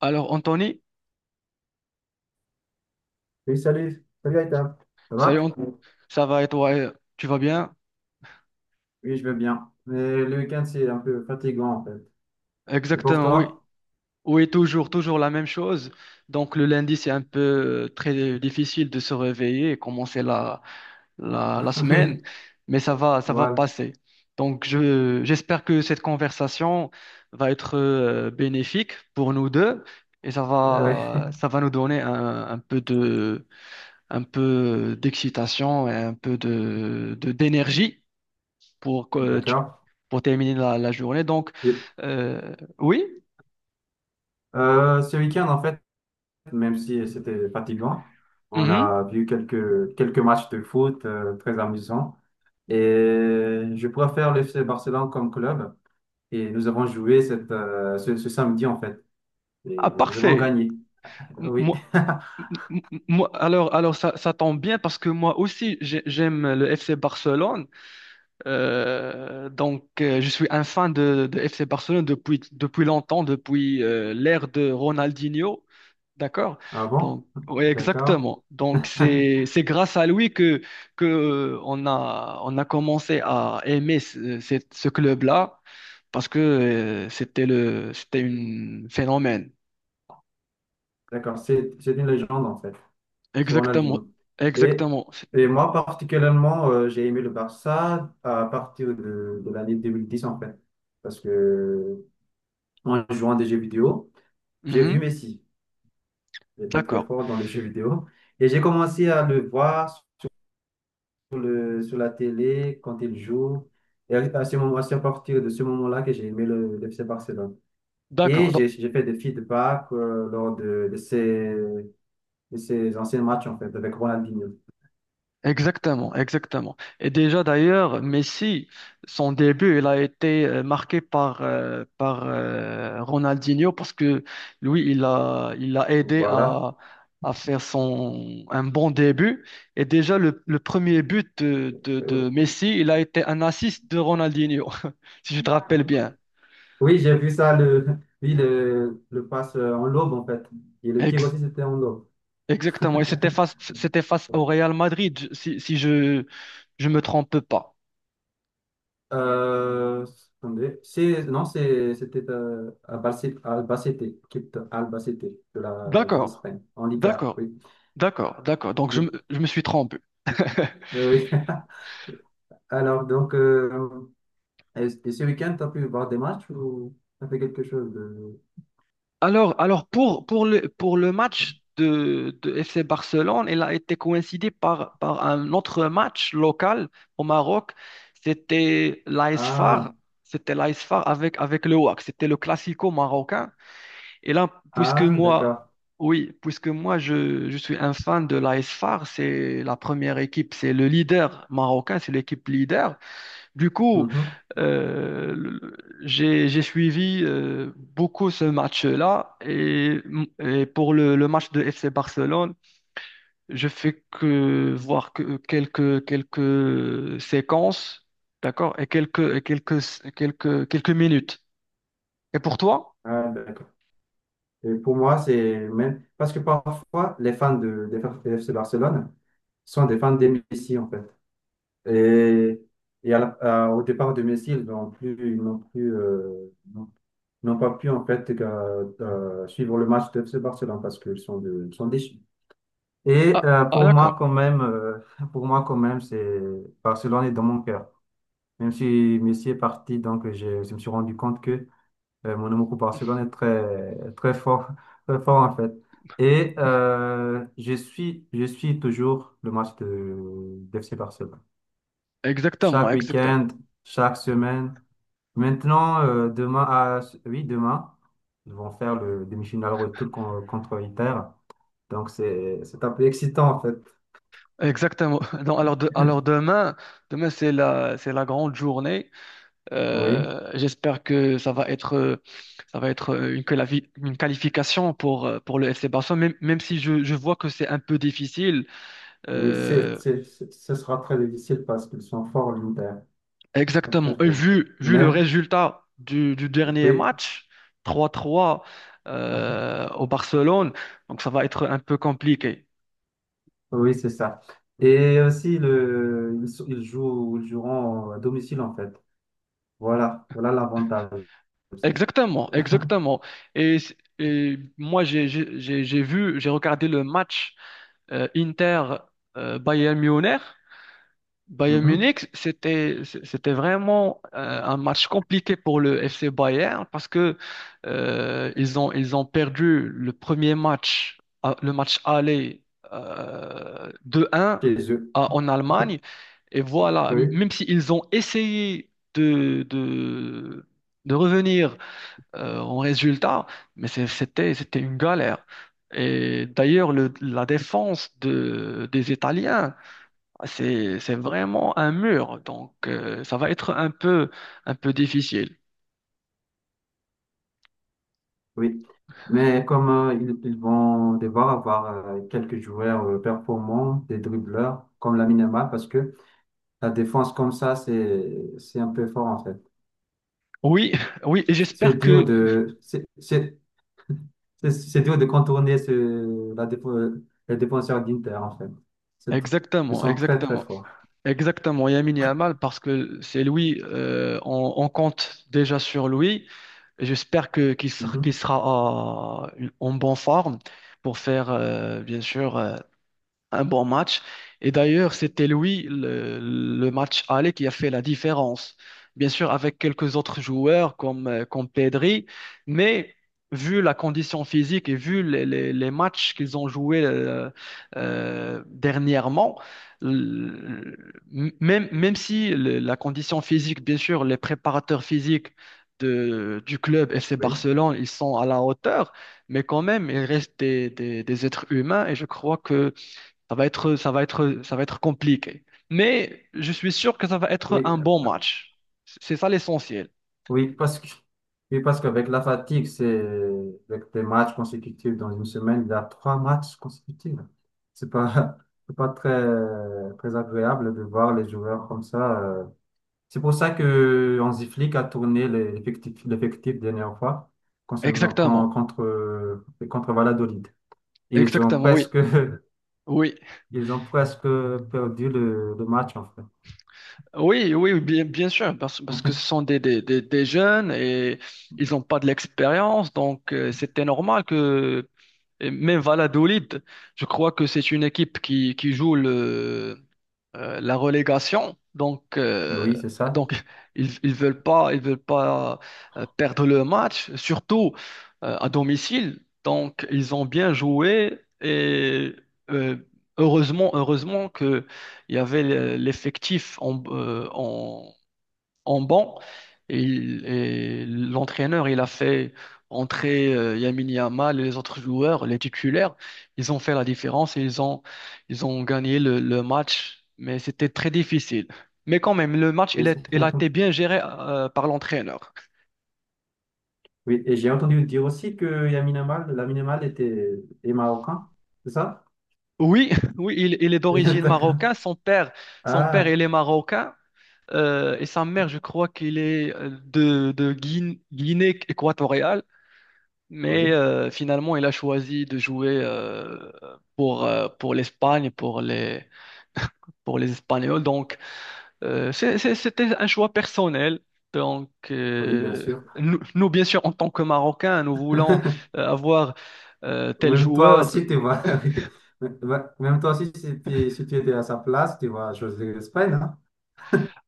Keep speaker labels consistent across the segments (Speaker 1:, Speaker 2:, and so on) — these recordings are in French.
Speaker 1: Alors, Anthony,
Speaker 2: Oui, salut, salut Aïta, ça va?
Speaker 1: salut, Ant- ça va et toi, tu vas bien?
Speaker 2: Oui, je vais bien. Mais le week-end, c'est un peu fatigant en fait. Et pour
Speaker 1: Exactement, oui.
Speaker 2: toi?
Speaker 1: Oui, toujours, toujours la même chose. Donc, le lundi, c'est un peu très difficile de se réveiller et commencer la
Speaker 2: Oui,
Speaker 1: semaine, mais ça va
Speaker 2: voilà.
Speaker 1: passer. Donc, j'espère que cette conversation va être bénéfique pour nous deux et
Speaker 2: Euh,
Speaker 1: ça va nous donner un peu de, un peu d'excitation et un peu de d'énergie pour, que tu-
Speaker 2: D'accord.
Speaker 1: pour terminer la journée. Donc,
Speaker 2: Et,
Speaker 1: oui,
Speaker 2: ce week-end, en fait, même si c'était fatigant, on
Speaker 1: mhm.
Speaker 2: a vu quelques matchs de foot très amusants. Et je préfère l'FC Barcelone comme club. Et nous avons joué ce samedi, en fait.
Speaker 1: Ah,
Speaker 2: Et nous avons
Speaker 1: parfait.
Speaker 2: gagné. Oui.
Speaker 1: Moi, alors ça tombe bien parce que moi aussi, j'aime le FC Barcelone. Donc, je suis un fan de FC Barcelone depuis, depuis longtemps, depuis l'ère de Ronaldinho. D'accord?
Speaker 2: Ah bon?
Speaker 1: Donc, oui,
Speaker 2: D'accord.
Speaker 1: exactement. Donc, c'est grâce à lui que on a commencé à aimer ce club-là parce que c'était c'était un phénomène.
Speaker 2: D'accord. C'est une légende, en fait. C'est
Speaker 1: Exactement.
Speaker 2: Ronaldinho.
Speaker 1: Exactement.
Speaker 2: Et,
Speaker 1: C'est-
Speaker 2: et moi, particulièrement, j'ai aimé le Barça à partir de l'année 2010 en fait. Parce que, en jouant à des jeux vidéo, j'ai vu
Speaker 1: Mhm.
Speaker 2: Messi. Il est très très
Speaker 1: D'accord.
Speaker 2: fort dans les jeux vidéo. Et j'ai commencé à le voir sur la télé quand il joue. Et à ce moment, c'est à partir de ce moment-là que j'ai aimé le FC Barcelone. Et
Speaker 1: D'accord.
Speaker 2: j'ai fait des feedbacks lors de ces anciens matchs, en fait, avec Ronaldinho.
Speaker 1: Exactement, exactement. Et déjà d'ailleurs, Messi, son début, il a été marqué par Ronaldinho parce que lui, il a aidé
Speaker 2: Voilà.
Speaker 1: à faire un bon début. Et déjà, le premier but de Messi, il a été un assist de Ronaldinho, si je te rappelle bien.
Speaker 2: Oui, j'ai vu ça, oui, le passe en lobe en fait. Et le tir
Speaker 1: Ex-
Speaker 2: aussi, c'était en lobe.
Speaker 1: exactement. Et c'était face au Real Madrid, si je ne me trompe pas.
Speaker 2: Euh, attendez, non, c'était Albacete, équipe de Albacete de
Speaker 1: D'accord.
Speaker 2: l'Espagne, en Liga,
Speaker 1: D'accord,
Speaker 2: oui.
Speaker 1: d'accord. Donc
Speaker 2: Oui,
Speaker 1: je me suis trompé.
Speaker 2: oui. Alors, donc, est-ce que ce week-end, tu as pu voir des matchs ou tu as fait quelque chose de...
Speaker 1: Alors pour le match de FC Barcelone, il a été coïncidé par, par un autre match local au Maroc. C'était l'AS
Speaker 2: Ah,
Speaker 1: FAR. C'était l'AS FAR avec, avec le WAC. C'était le classico marocain. Et là, puisque
Speaker 2: ah,
Speaker 1: moi,
Speaker 2: d'accord.
Speaker 1: oui, puisque moi, je suis un fan de l'AS FAR, c'est la première équipe, c'est le leader marocain, c'est l'équipe leader. Du coup,
Speaker 2: Mhm.
Speaker 1: euh, le- j'ai suivi beaucoup ce match-là et pour le match de FC Barcelone, je fais que voir que quelques séquences, d'accord, et quelques quelques minutes. Et pour toi?
Speaker 2: Ah, d'accord. Et pour moi, c'est même parce que parfois, des fans de FC Barcelone sont des fans de Messi, en fait. Et, et au départ de Messi, n'ont pas pu, en fait, suivre le match de FC Barcelone parce qu'ils sont déçus. Et
Speaker 1: Ah, ah, d'accord.
Speaker 2: pour moi, quand même, c'est Barcelone est dans mon cœur. Même si Messi est parti, donc j'ai je me suis rendu compte que Monaco Barcelone est très, très fort, très fort en fait. Et je suis toujours le match d'FC Barcelone.
Speaker 1: Exactement,
Speaker 2: Chaque week-end, chaque semaine. Maintenant, demain, ils vont faire le demi-finale retour contre Inter. Donc, c'est un peu excitant en fait.
Speaker 1: exactement. Donc, alors demain, demain c'est la grande journée.
Speaker 2: Oui,
Speaker 1: J'espère que ça va être une qualification pour le FC Barcelone, même, même si je vois que c'est un peu difficile.
Speaker 2: oui,
Speaker 1: Euh,
Speaker 2: ce sera très difficile parce qu'ils sont forts, l'Inter. Ils sont très
Speaker 1: exactement. Et
Speaker 2: forts.
Speaker 1: vu, vu le
Speaker 2: Même,
Speaker 1: résultat du dernier
Speaker 2: oui.
Speaker 1: match, 3-3 au Barcelone, donc ça va être un peu compliqué.
Speaker 2: Oui, c'est ça. Et aussi, le, ils, sont- ils jouent, ils joueront à domicile, en fait. Voilà, voilà l'avantage aussi.
Speaker 1: Exactement, exactement. Et, et moi, j'ai vu, j'ai regardé le match Inter Bayern Munich. Bayern
Speaker 2: Mhm.
Speaker 1: Munich, c'était vraiment un match compliqué pour le FC Bayern parce que ils ont perdu le premier match, le match aller 2-1
Speaker 2: Chez eux.
Speaker 1: en Allemagne et voilà,
Speaker 2: Oui,
Speaker 1: même s'ils ont essayé de revenir en résultat, mais c'était une galère. Et d'ailleurs, la défense des Italiens c'est vraiment un mur, donc ça va être un peu difficile.
Speaker 2: oui. Mais comme ils vont devoir avoir quelques joueurs performants, des dribbleurs, comme la Yamal, parce que la défense comme ça, c'est un peu fort, en fait.
Speaker 1: Oui, oui, et
Speaker 2: C'est
Speaker 1: j'espère
Speaker 2: dur
Speaker 1: que...
Speaker 2: de, c'est, c'est, c'est dur de contourner la défense, les défenseurs d'Inter, en fait. C'est tr- Ils
Speaker 1: Exactement,
Speaker 2: sont très, très
Speaker 1: exactement.
Speaker 2: forts.
Speaker 1: Exactement, Lamine Yamal, parce que c'est lui, on compte déjà sur lui. J'espère que qu'il sera,
Speaker 2: Mhm.
Speaker 1: en bonne forme pour faire, bien sûr, un bon match. Et d'ailleurs, c'était lui, le match aller, qui a fait la différence. Bien sûr, avec quelques autres joueurs comme Pedri, mais vu la condition physique et vu les matchs qu'ils ont joués dernièrement, l- même, même si la condition physique, bien sûr, les préparateurs physiques du club FC
Speaker 2: Oui,
Speaker 1: Barcelone, ils sont à la hauteur, mais quand même, ils restent des êtres humains et je crois que ça va être compliqué. Mais je suis sûr que ça va être
Speaker 2: oui,
Speaker 1: un bon match. C'est ça l'essentiel.
Speaker 2: oui, oui, parce qu'avec la fatigue, c'est avec des matchs consécutifs dans une semaine, il y a trois matchs consécutifs. C'est pas, c'est pas très, très agréable de voir les joueurs comme ça. C'est pour ça que Hansi Flick a tourné l'effectif dernière fois concernant, con-
Speaker 1: Exactement.
Speaker 2: contre, contre Valladolid. Ils ont
Speaker 1: Exactement, oui.
Speaker 2: presque,
Speaker 1: Oui,
Speaker 2: ils ont presque perdu le match, en fait.
Speaker 1: oui, bien, bien sûr, parce que ce sont des jeunes et ils n'ont pas de l'expérience, donc c'était normal que et même Valladolid, je crois que c'est une équipe qui joue la relégation.
Speaker 2: Oui, c'est ça.
Speaker 1: Donc ils veulent pas perdre le match, surtout à domicile. Donc, ils ont bien joué et euh, heureusement que il y avait l'effectif en banc. Et, et l'entraîneur, il a fait entrer Lamine Yamal et les autres joueurs, les titulaires. Ils ont fait la différence et ils ont gagné le match. Mais c'était très difficile. Mais quand même, le match,
Speaker 2: Et c'est-
Speaker 1: il a été bien géré par l'entraîneur.
Speaker 2: Oui, et j'ai entendu dire aussi que Lamine Yamal était est marocain, c'est ça?
Speaker 1: Oui, oui, il est d'origine
Speaker 2: D'accord.
Speaker 1: marocaine. Son père,
Speaker 2: Ah,
Speaker 1: il est marocain. Et sa mère, je crois qu'il est de Guin- Guinée équatoriale. Mais
Speaker 2: oui,
Speaker 1: finalement, il a choisi de jouer pour l'Espagne, pour les Espagnols. Donc, c'était un choix personnel. Donc,
Speaker 2: oui, bien sûr.
Speaker 1: nous, bien sûr, en tant que Marocains, nous voulons avoir tel
Speaker 2: Même toi
Speaker 1: joueur.
Speaker 2: aussi, tu vois. Oui. Même même toi aussi, si tu étais à sa place, tu vois, José l'Espagne, hein?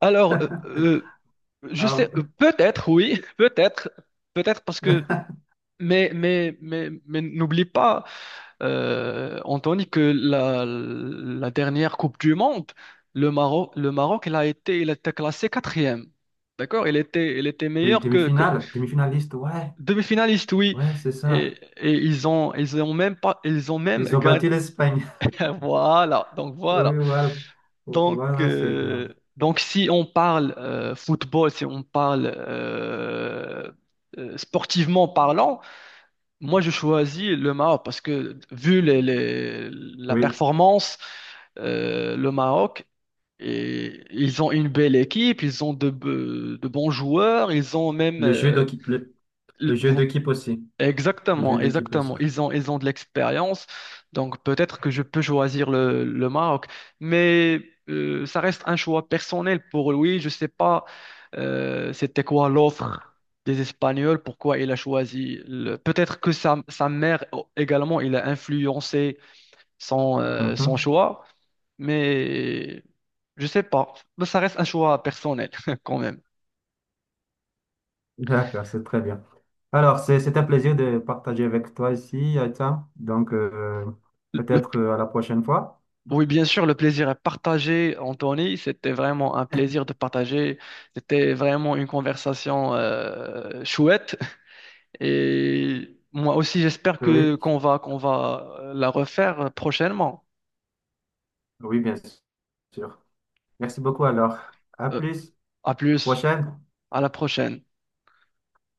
Speaker 1: Alors, je sais,
Speaker 2: Ah,
Speaker 1: peut-être, oui, peut-être, peut-être parce que, mais n'oublie pas. Anthony, que la dernière Coupe du Monde, le Maroc, il a été classé quatrième. D'accord? Il était
Speaker 2: oui,
Speaker 1: meilleur que
Speaker 2: demi-finale, demi-finaliste, ouais,
Speaker 1: demi-finaliste, oui.
Speaker 2: ouais, c'est
Speaker 1: Et,
Speaker 2: ça.
Speaker 1: ils ont même pas, ils ont même
Speaker 2: Ils ont
Speaker 1: gagné.
Speaker 2: battu l'Espagne.
Speaker 1: Voilà. Donc voilà.
Speaker 2: Oui, voilà. Voilà, c'est bien.
Speaker 1: Donc si on parle football, si on parle sportivement parlant, moi, je choisis le Maroc parce que vu la
Speaker 2: Oui,
Speaker 1: performance, le Maroc, et, ils ont une belle équipe, ils ont de bons joueurs, ils ont même...
Speaker 2: le jeu d'équipe, le jeu d'équipe aussi. Le jeu
Speaker 1: exactement,
Speaker 2: d'équipe aussi.
Speaker 1: exactement. Ils ont de l'expérience, donc peut-être que je peux choisir le Maroc, mais ça reste un choix personnel pour lui. Je sais pas c'était quoi l'offre des Espagnols, pourquoi il a choisi. Peut-être que sa mère oh, également, il a influencé son
Speaker 2: Mhm.
Speaker 1: choix, mais je sais pas. Mais ça reste un choix personnel quand même.
Speaker 2: D'accord, c'est très bien. Alors, c'est un plaisir de partager avec toi ici, Aïta. Donc,
Speaker 1: Le
Speaker 2: peut-être à la prochaine fois.
Speaker 1: oui, bien sûr, le plaisir est partagé, Anthony. C'était vraiment un plaisir de partager. C'était vraiment une conversation chouette. Et moi aussi, j'espère que
Speaker 2: Oui,
Speaker 1: qu'on va la refaire prochainement.
Speaker 2: oui, bien sûr. Merci beaucoup alors. À
Speaker 1: Euh,
Speaker 2: plus,
Speaker 1: à
Speaker 2: à la
Speaker 1: plus,
Speaker 2: prochaine.
Speaker 1: à la prochaine.